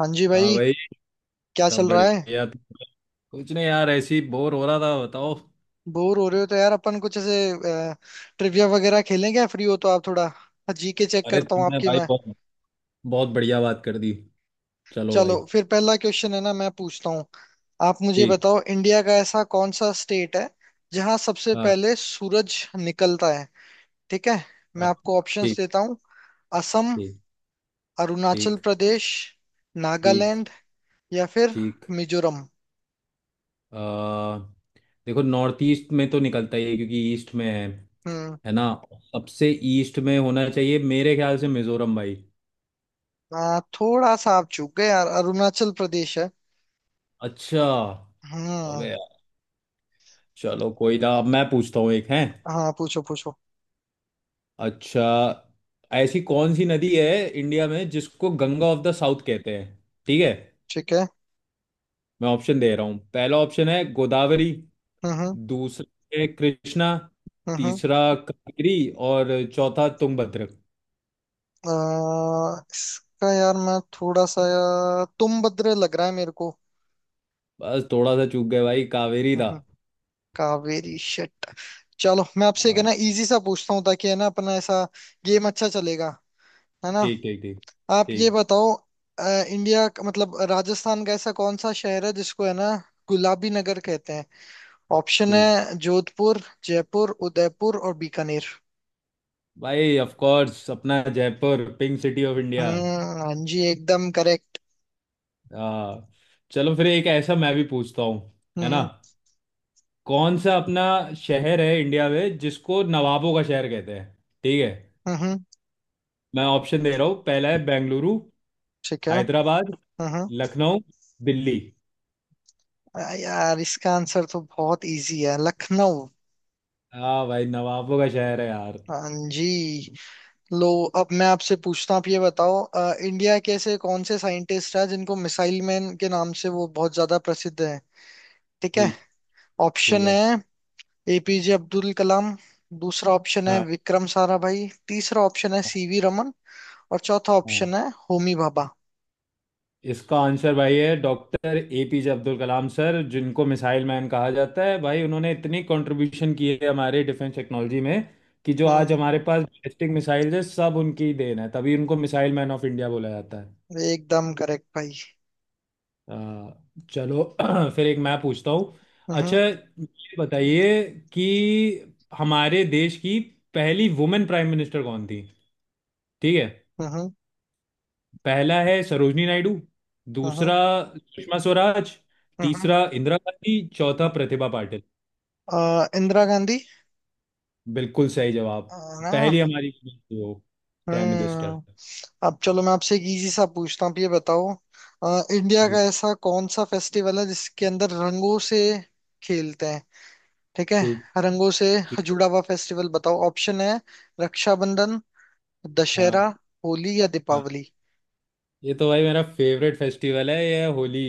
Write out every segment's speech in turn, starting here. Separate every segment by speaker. Speaker 1: हाँ जी
Speaker 2: हाँ
Speaker 1: भाई।
Speaker 2: भाई।
Speaker 1: क्या
Speaker 2: सब
Speaker 1: चल रहा है?
Speaker 2: बढ़िया। कुछ नहीं यार, ऐसे ही बोर हो रहा था, बताओ।
Speaker 1: बोर हो रहे हो तो यार अपन कुछ ऐसे ट्रिविया वगैरह खेलें क्या, फ्री हो तो आप थोड़ा जीके चेक
Speaker 2: अरे
Speaker 1: करता हूँ
Speaker 2: तुमने
Speaker 1: आपकी
Speaker 2: भाई
Speaker 1: मैं।
Speaker 2: बहुत बहुत बढ़िया बात कर दी। चलो भाई।
Speaker 1: चलो फिर पहला क्वेश्चन है ना मैं पूछता हूँ। आप मुझे
Speaker 2: ठीक।
Speaker 1: बताओ इंडिया का ऐसा कौन सा स्टेट है जहाँ सबसे
Speaker 2: हाँ।
Speaker 1: पहले सूरज निकलता है। ठीक है। मैं
Speaker 2: हाँ,
Speaker 1: आपको ऑप्शंस
Speaker 2: ठीक
Speaker 1: देता हूँ। असम,
Speaker 2: ठीक
Speaker 1: अरुणाचल
Speaker 2: ठीक।
Speaker 1: प्रदेश,
Speaker 2: ठीक।
Speaker 1: नागालैंड या फिर
Speaker 2: ठीक।
Speaker 1: मिजोरम।
Speaker 2: आ, देखो नॉर्थ ईस्ट में तो निकलता ही है क्योंकि ईस्ट में है
Speaker 1: हम्म।
Speaker 2: है ना। सबसे ईस्ट में होना चाहिए मेरे ख्याल से, मिजोरम भाई।
Speaker 1: थोड़ा सा आप चूक गए यार, अरुणाचल प्रदेश है।
Speaker 2: अच्छा।
Speaker 1: हम्म।
Speaker 2: अबे यार, चलो कोई ना। अब मैं पूछता हूँ एक है।
Speaker 1: हाँ पूछो पूछो।
Speaker 2: अच्छा, ऐसी कौन सी नदी है इंडिया में जिसको गंगा ऑफ द साउथ कहते हैं। ठीक है,
Speaker 1: ठीक है।
Speaker 2: मैं ऑप्शन दे रहा हूँ। पहला ऑप्शन है गोदावरी।
Speaker 1: हम्म। हम्म।
Speaker 2: दूसरा है कृष्णा।
Speaker 1: हम्म। हम्म।
Speaker 2: तीसरा कावेरी। और चौथा तुंगभद्र।
Speaker 1: इसका यार, मैं थोड़ा सा, यार तुम बद्रे लग रहा है मेरे को।
Speaker 2: बस थोड़ा सा चूक गए भाई, कावेरी था।
Speaker 1: हम्म। कावेरी, शिट। चलो मैं आपसे एक है
Speaker 2: हाँ,
Speaker 1: ना इजी सा पूछता हूँ ताकि है ना अपना ऐसा गेम अच्छा चलेगा, है ना।
Speaker 2: ठीक ठीक ठीक।
Speaker 1: आप ये
Speaker 2: ठीक।
Speaker 1: बताओ। अ, मतलब राजस्थान का ऐसा कौन सा शहर है जिसको है ना गुलाबी नगर कहते हैं। ऑप्शन
Speaker 2: ठीक
Speaker 1: है जोधपुर, जयपुर, उदयपुर और बीकानेर।
Speaker 2: भाई, ऑफ कोर्स अपना Jaipur, pink city of India.
Speaker 1: हम्म। हाँ जी एकदम करेक्ट।
Speaker 2: हाँ। चलो फिर एक ऐसा मैं भी पूछता हूँ, है ना।
Speaker 1: हम्म।
Speaker 2: कौन सा अपना शहर है इंडिया में जिसको नवाबों का शहर कहते हैं। ठीक है,
Speaker 1: हम्म।
Speaker 2: मैं ऑप्शन दे रहा हूँ। पहला है बेंगलुरु।
Speaker 1: ठीक है।
Speaker 2: हैदराबाद।
Speaker 1: हम्म।
Speaker 2: लखनऊ। दिल्ली।
Speaker 1: यार, इसका आंसर तो बहुत इजी है, लखनऊ।
Speaker 2: हाँ भाई, नवाबों का शहर है यार।
Speaker 1: हाँ जी। लो, अब मैं आपसे पूछता हूँ। आप ये बताओ इंडिया के ऐसे कौन से साइंटिस्ट है जिनको मिसाइल मैन के नाम से वो बहुत ज्यादा प्रसिद्ध है। ठीक है।
Speaker 2: ठीक। ठीक
Speaker 1: ऑप्शन
Speaker 2: है।
Speaker 1: है एपीजे अब्दुल कलाम, दूसरा ऑप्शन है
Speaker 2: हाँ।
Speaker 1: विक्रम साराभाई, तीसरा ऑप्शन है
Speaker 2: हाँ।
Speaker 1: सीवी रमन और चौथा
Speaker 2: हाँ।
Speaker 1: ऑप्शन है होमी भाभा।
Speaker 2: इसका आंसर भाई है doctor APJ Abdul Kalam sir, जिनको मिसाइल मैन कहा जाता है। भाई उन्होंने इतनी कंट्रीब्यूशन की है हमारे डिफेंस टेक्नोलॉजी में कि जो आज
Speaker 1: हम्म।
Speaker 2: हमारे पास बैलिस्टिक मिसाइल है, सब उनकी ही देन है। तभी उनको मिसाइल मैन ऑफ इंडिया बोला जाता है।
Speaker 1: एकदम करेक्ट भाई।
Speaker 2: आ, चलो फिर एक मैं पूछता हूँ। अच्छा,
Speaker 1: हम्म।
Speaker 2: ये बताइए कि हमारे देश की पहली वुमेन प्राइम मिनिस्टर कौन थी। ठीक है,
Speaker 1: हम्म। हम्म।
Speaker 2: पहला है सरोजनी नायडू।
Speaker 1: हम्म।
Speaker 2: दूसरा सुषमा स्वराज।
Speaker 1: हम्म।
Speaker 2: तीसरा इंदिरा गांधी। चौथा
Speaker 1: हम्म।
Speaker 2: प्रतिभा पाटिल।
Speaker 1: इंदिरा गांधी।
Speaker 2: बिल्कुल सही जवाब।
Speaker 1: अ, ना।
Speaker 2: पहली हमारी वो प्राइम मिनिस्टर।
Speaker 1: हम्म। अब चलो मैं आपसे एक इजी सा पूछता हूँ। आप ये बताओ अ, इंडिया का
Speaker 2: ठीक
Speaker 1: ऐसा कौन सा फेस्टिवल है जिसके अंदर रंगों से खेलते हैं। ठीक है।
Speaker 2: ठीक
Speaker 1: रंगों से
Speaker 2: ठीक।
Speaker 1: जुड़ा हुआ फेस्टिवल बताओ। ऑप्शन है रक्षाबंधन,
Speaker 2: हाँ।
Speaker 1: दशहरा, होली या
Speaker 2: हाँ,
Speaker 1: दीपावली।
Speaker 2: ये तो भाई मेरा फेवरेट फेस्टिवल है, ये होली।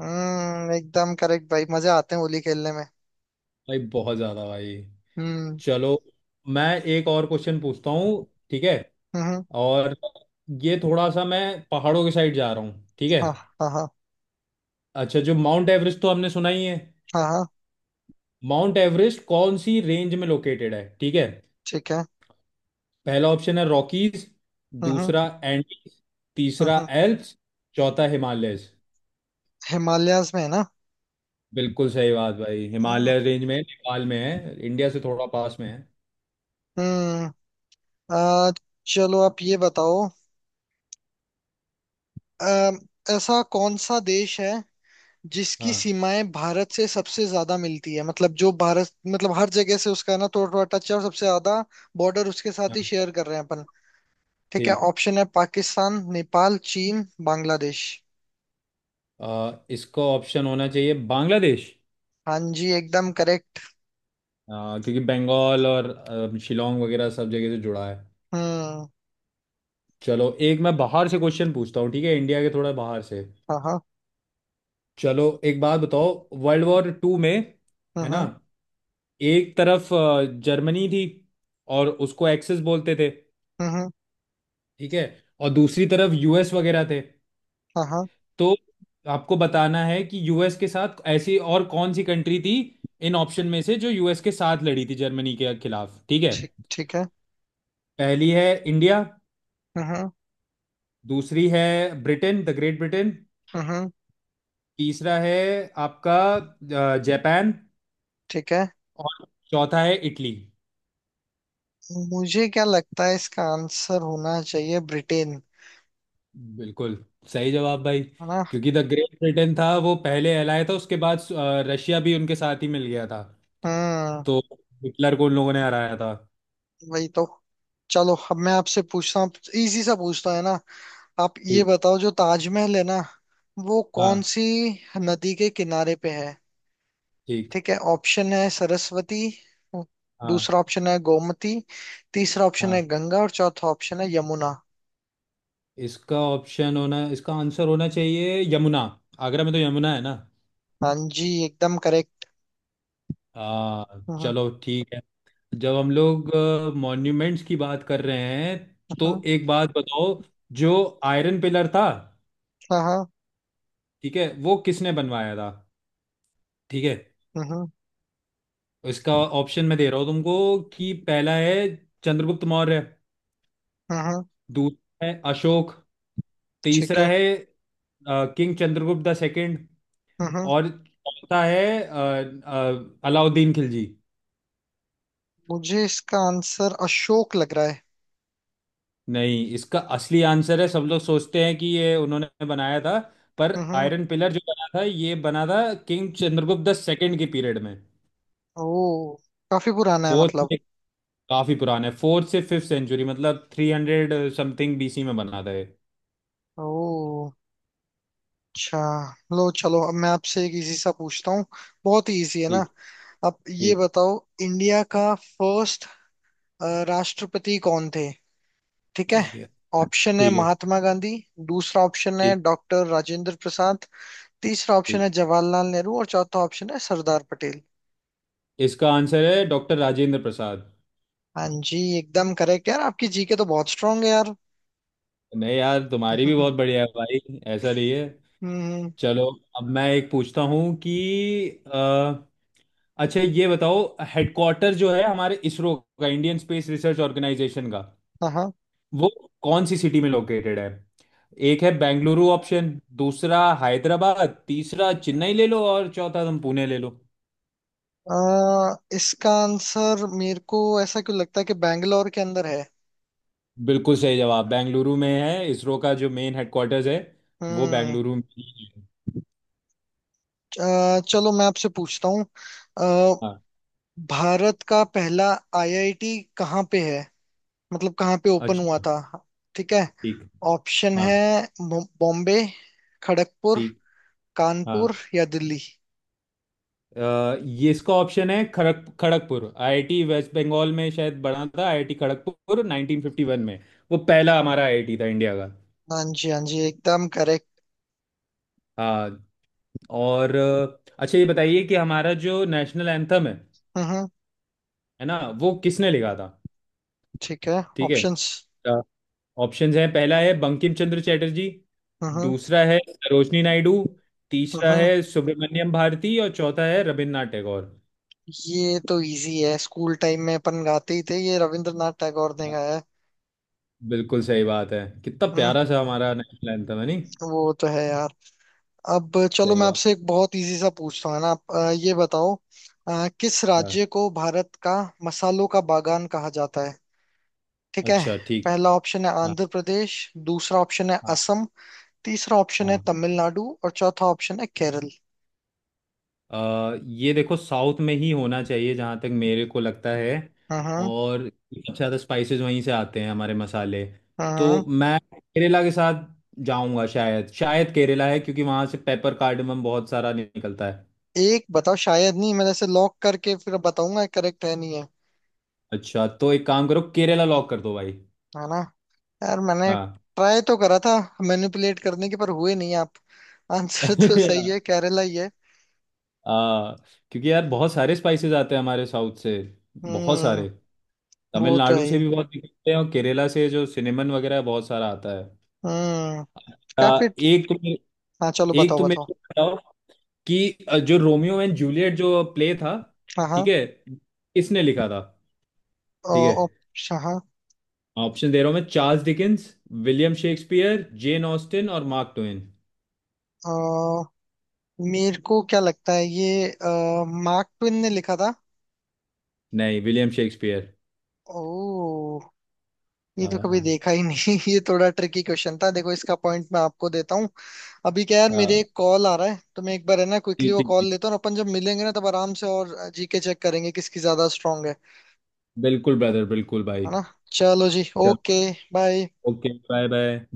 Speaker 1: हम्म, एकदम करेक्ट भाई, मजे आते हैं होली खेलने में।
Speaker 2: भाई बहुत ज्यादा भाई।
Speaker 1: हम्म।
Speaker 2: चलो मैं एक और क्वेश्चन पूछता हूँ, ठीक है।
Speaker 1: हम्म।
Speaker 2: और ये थोड़ा सा मैं पहाड़ों के साइड जा रहा हूँ, ठीक है।
Speaker 1: हाँ। हाँ, हाँ।
Speaker 2: अच्छा, जो माउंट एवरेस्ट तो हमने सुना ही है।
Speaker 1: हाँ, हाँ।
Speaker 2: माउंट एवरेस्ट कौन सी रेंज में लोकेटेड है, ठीक है।
Speaker 1: ठीक है।
Speaker 2: पहला ऑप्शन है रॉकीज।
Speaker 1: हम्म।
Speaker 2: दूसरा
Speaker 1: हम्म।
Speaker 2: एंडीज। तीसरा
Speaker 1: हम्म।
Speaker 2: एल्प्स। चौथा हिमालयस।
Speaker 1: हिमालयाज में, है ना।
Speaker 2: बिल्कुल सही बात भाई,
Speaker 1: हाँ।
Speaker 2: हिमालय रेंज में नेपाल में है, इंडिया से थोड़ा पास में है।
Speaker 1: हम्म। आ, चलो, आप ये बताओ अ, ऐसा कौन सा देश है जिसकी
Speaker 2: हाँ।
Speaker 1: सीमाएं भारत से सबसे ज्यादा मिलती है, मतलब जो भारत, मतलब हर जगह से उसका ना थोड़ा थोड़ा टच है और सबसे ज्यादा बॉर्डर उसके साथ ही
Speaker 2: हाँ।
Speaker 1: शेयर कर रहे हैं अपन। ठीक है।
Speaker 2: ठीक।
Speaker 1: ऑप्शन है पाकिस्तान, नेपाल, चीन, बांग्लादेश।
Speaker 2: इसका ऑप्शन होना चाहिए बांग्लादेश।
Speaker 1: हाँ जी एकदम करेक्ट।
Speaker 2: हाँ क्योंकि बंगाल और शिलोंग वगैरह सब जगह से जुड़ा है।
Speaker 1: हम्म।
Speaker 2: चलो एक मैं बाहर से क्वेश्चन पूछता हूँ, ठीक है, इंडिया के थोड़ा बाहर से।
Speaker 1: हाँ, हाँ।
Speaker 2: चलो एक बात बताओ। वर्ल्ड वॉर टू में, है ना,
Speaker 1: हम्म।
Speaker 2: एक तरफ जर्मनी थी और उसको एक्सेस बोलते थे,
Speaker 1: हम्म।
Speaker 2: ठीक है। और दूसरी तरफ यूएस वगैरह थे।
Speaker 1: हाँ, हाँ।
Speaker 2: तो आपको बताना है कि यूएस के साथ ऐसी और कौन सी कंट्री थी इन ऑप्शन में से, जो यूएस के साथ लड़ी थी जर्मनी के खिलाफ, ठीक है।
Speaker 1: ठीक, ठीक है।
Speaker 2: पहली है इंडिया।
Speaker 1: हम्म।
Speaker 2: दूसरी है ब्रिटेन, द ग्रेट ब्रिटेन।
Speaker 1: हम्म।
Speaker 2: तीसरा है आपका जापान।
Speaker 1: ठीक है।
Speaker 2: और चौथा है इटली।
Speaker 1: मुझे क्या लगता है इसका आंसर होना चाहिए ब्रिटेन।
Speaker 2: बिल्कुल सही जवाब भाई,
Speaker 1: है ना।
Speaker 2: क्योंकि द ग्रेट ब्रिटेन था वो, पहले कहलाया था, उसके बाद रशिया भी उनके साथ ही मिल गया था।
Speaker 1: हम्म।
Speaker 2: तो हिटलर को उन लोगों ने हराया था।
Speaker 1: वही तो। चलो, अब मैं आपसे पूछता हूँ, इजी सा पूछता, है ना। आप ये
Speaker 2: ठीक।
Speaker 1: बताओ जो ताजमहल है ना, वो कौन
Speaker 2: हाँ।
Speaker 1: सी नदी के किनारे पे है।
Speaker 2: ठीक।
Speaker 1: ठीक है। ऑप्शन है सरस्वती,
Speaker 2: हाँ।
Speaker 1: दूसरा ऑप्शन है गोमती, तीसरा ऑप्शन है
Speaker 2: हाँ,
Speaker 1: गंगा और चौथा ऑप्शन है यमुना।
Speaker 2: इसका ऑप्शन होना, इसका आंसर होना चाहिए यमुना। आगरा में तो यमुना है ना।
Speaker 1: हाँ जी एकदम करेक्ट।
Speaker 2: आ,
Speaker 1: हम्म।
Speaker 2: चलो ठीक है। जब हम लोग मॉन्यूमेंट्स की बात कर रहे हैं, तो
Speaker 1: हम्म,
Speaker 2: एक बात बताओ। जो आयरन पिलर था,
Speaker 1: हाँ, हाँ।
Speaker 2: ठीक है, वो किसने बनवाया था, ठीक है।
Speaker 1: हम्म। हम्म।
Speaker 2: इसका ऑप्शन मैं दे रहा हूँ तुमको कि पहला है चंद्रगुप्त मौर्य।
Speaker 1: हम्म,
Speaker 2: दूसरा है अशोक।
Speaker 1: ठीक
Speaker 2: तीसरा
Speaker 1: है।
Speaker 2: है किंग चंद्रगुप्त द सेकंड।
Speaker 1: हम्म। हम्म।
Speaker 2: और चौथा है अलाउद्दीन खिलजी।
Speaker 1: मुझे इसका आंसर अशोक लग रहा है।
Speaker 2: नहीं, इसका असली आंसर है, सब लोग सोचते हैं कि ये उन्होंने बनाया था, पर
Speaker 1: हम्म। हम्म।
Speaker 2: आयरन पिलर जो बना था, ये बना था किंग चंद्रगुप्त द सेकंड के पीरियड में,
Speaker 1: ओ, काफी पुराना है
Speaker 2: फोर्थ
Speaker 1: मतलब।
Speaker 2: में। काफी पुराना है, फोर्थ से फिफ्थ सेंचुरी, मतलब थ्री हंड्रेड समथिंग बीसी में बना था ये।
Speaker 1: ओ, अच्छा। लो, चलो, अब मैं आपसे एक इजी सा पूछता हूँ, बहुत ही इजी है ना।
Speaker 2: ठीक।
Speaker 1: अब ये
Speaker 2: ठीक।
Speaker 1: बताओ इंडिया का फर्स्ट राष्ट्रपति कौन थे। ठीक है।
Speaker 2: ठीक है।
Speaker 1: ऑप्शन है
Speaker 2: ठीक है।
Speaker 1: महात्मा गांधी, दूसरा ऑप्शन है
Speaker 2: ठीक।
Speaker 1: डॉक्टर राजेंद्र प्रसाद, तीसरा ऑप्शन
Speaker 2: ठीक
Speaker 1: है जवाहरलाल नेहरू और चौथा ऑप्शन है सरदार पटेल।
Speaker 2: इसका आंसर है डॉक्टर राजेंद्र प्रसाद।
Speaker 1: हाँ जी एकदम करेक्ट यार, आपकी जीके तो बहुत स्ट्रांग है यार।
Speaker 2: नहीं यार, तुम्हारी भी बहुत बढ़िया है भाई, ऐसा नहीं है।
Speaker 1: हम्म।
Speaker 2: चलो अब मैं एक पूछता हूँ कि अच्छा, ये बताओ, हेडक्वार्टर जो है हमारे इसरो का, इंडियन स्पेस रिसर्च ऑर्गेनाइजेशन का,
Speaker 1: हाँ, हाँ।
Speaker 2: वो कौन सी सिटी में लोकेटेड है। एक है बेंगलुरु ऑप्शन। दूसरा हैदराबाद। तीसरा चेन्नई ले लो। और चौथा तुम पुणे ले लो।
Speaker 1: अ, इसका आंसर मेरे को ऐसा क्यों लगता है कि बैंगलोर के अंदर है।
Speaker 2: बिल्कुल सही जवाब, बेंगलुरु में है इसरो का जो मेन हेडक्वार्टर्स है, वो
Speaker 1: हम्म।
Speaker 2: बेंगलुरु में ही है।
Speaker 1: चलो, मैं आपसे पूछता हूँ
Speaker 2: हाँ।
Speaker 1: भारत का पहला आईआईटी कहाँ पे है, मतलब कहाँ पे ओपन हुआ
Speaker 2: अच्छा।
Speaker 1: था। ठीक है।
Speaker 2: ठीक।
Speaker 1: ऑप्शन
Speaker 2: हाँ।
Speaker 1: है बॉम्बे, खड़गपुर,
Speaker 2: ठीक। हाँ,
Speaker 1: कानपुर या दिल्ली।
Speaker 2: ये इसका ऑप्शन है खड़क खड़गपुर आईआईटी। वेस्ट बंगाल में शायद बना था आईआईटी खड़गपुर 1951 में। वो पहला हमारा आईआईटी था इंडिया का।
Speaker 1: हाँ जी, हाँ जी एकदम करेक्ट।
Speaker 2: हाँ। और अच्छा, ये बताइए कि हमारा जो नेशनल एंथम है
Speaker 1: हम्म।
Speaker 2: है ना, वो किसने लिखा था,
Speaker 1: ठीक है।
Speaker 2: ठीक है।
Speaker 1: ऑप्शंस।
Speaker 2: ऑप्शंस हैं, पहला है बंकिम चंद्र चटर्जी।
Speaker 1: हम्म।
Speaker 2: दूसरा है सरोजनी नायडू। तीसरा
Speaker 1: हम्म।
Speaker 2: है सुब्रमण्यम भारती। और चौथा है रविन्द्रनाथ टैगोर।
Speaker 1: ये तो इजी है, स्कूल टाइम में अपन गाते ही थे, ये रविंद्रनाथ टैगोर ने
Speaker 2: हाँ,
Speaker 1: गाया है।
Speaker 2: बिल्कुल सही बात है, कितना
Speaker 1: हम्म।
Speaker 2: प्यारा सा हमारा नेशनल एंथम है, नहीं।
Speaker 1: वो तो है यार। अब चलो,
Speaker 2: सही
Speaker 1: मैं
Speaker 2: बात।
Speaker 1: आपसे एक बहुत इजी सा पूछता हूँ, है ना। आप ये बताओ किस
Speaker 2: हाँ।
Speaker 1: राज्य को भारत का मसालों का बागान कहा जाता है। ठीक है।
Speaker 2: अच्छा। ठीक।
Speaker 1: पहला ऑप्शन है
Speaker 2: हाँ।
Speaker 1: आंध्र प्रदेश, दूसरा ऑप्शन है
Speaker 2: हाँ।
Speaker 1: असम, तीसरा ऑप्शन है
Speaker 2: हाँ।
Speaker 1: तमिलनाडु और चौथा ऑप्शन है केरल।
Speaker 2: ये देखो साउथ में ही होना चाहिए, जहाँ तक मेरे को लगता है।
Speaker 1: हाँ, हाँ।
Speaker 2: और सबसे ज़्यादा स्पाइसेस वहीं से आते हैं, हमारे मसाले।
Speaker 1: हाँ, हाँ।
Speaker 2: तो मैं केरला के साथ जाऊंगा। शायद शायद केरला है, क्योंकि वहाँ से पेपर कार्डमम बहुत सारा निकलता है।
Speaker 1: एक बताओ, शायद नहीं, मैंने ऐसे लॉक करके फिर बताऊंगा करेक्ट है नहीं है।
Speaker 2: अच्छा, तो एक काम करो, केरला लॉक कर दो भाई।
Speaker 1: है ना। यार, मैंने
Speaker 2: हाँ।
Speaker 1: ट्राई तो करा था मैनिपुलेट करने के, पर हुए नहीं आप। आंसर तो सही है, केरला ही है।
Speaker 2: हाँ, क्योंकि यार बहुत सारे स्पाइसेस आते हैं हमारे साउथ से, बहुत
Speaker 1: हम्म।
Speaker 2: सारे।
Speaker 1: वो तो है
Speaker 2: तमिलनाडु से
Speaker 1: ही।
Speaker 2: भी बहुत निकलते हैं, और केरला से जो सिनेमन वगैरह है, बहुत सारा आता है।
Speaker 1: हम्म। काफी।
Speaker 2: आ,
Speaker 1: हाँ, चलो
Speaker 2: एक तो
Speaker 1: बताओ
Speaker 2: मेरे
Speaker 1: बताओ।
Speaker 2: को बताओ कि जो रोमियो एंड जूलियट जो प्ले था,
Speaker 1: हाँ,
Speaker 2: ठीक
Speaker 1: हाँ।
Speaker 2: है, किसने लिखा था, ठीक है।
Speaker 1: ऑप्शन, हाँ।
Speaker 2: ऑप्शन दे रहा हूँ मैं, Charles Dickens, William Shakespeare, Jane Austen और मार्क ट्वेन।
Speaker 1: अ, मेरे को क्या लगता है, ये मार्क ट्विन ने लिखा था।
Speaker 2: नहीं, विलियम शेक्सपियर।
Speaker 1: ओ, ये तो कभी
Speaker 2: हाँ।
Speaker 1: देखा ही नहीं। ये थोड़ा ट्रिकी क्वेश्चन था, देखो इसका पॉइंट मैं आपको देता हूँ। अभी क्या यार, मेरे
Speaker 2: हाँ।
Speaker 1: एक कॉल आ रहा है, तो मैं एक बार है ना क्विकली
Speaker 2: ठीक
Speaker 1: वो
Speaker 2: ठीक
Speaker 1: कॉल
Speaker 2: ठीक।
Speaker 1: लेता हूँ, और अपन जब मिलेंगे ना तब आराम से और जीके चेक करेंगे किसकी ज्यादा स्ट्रांग है।
Speaker 2: बिल्कुल ब्रदर, बिल्कुल
Speaker 1: है
Speaker 2: भाई।
Speaker 1: ना। चलो जी,
Speaker 2: चलो।
Speaker 1: Okay, bye.
Speaker 2: Okay, bye bye.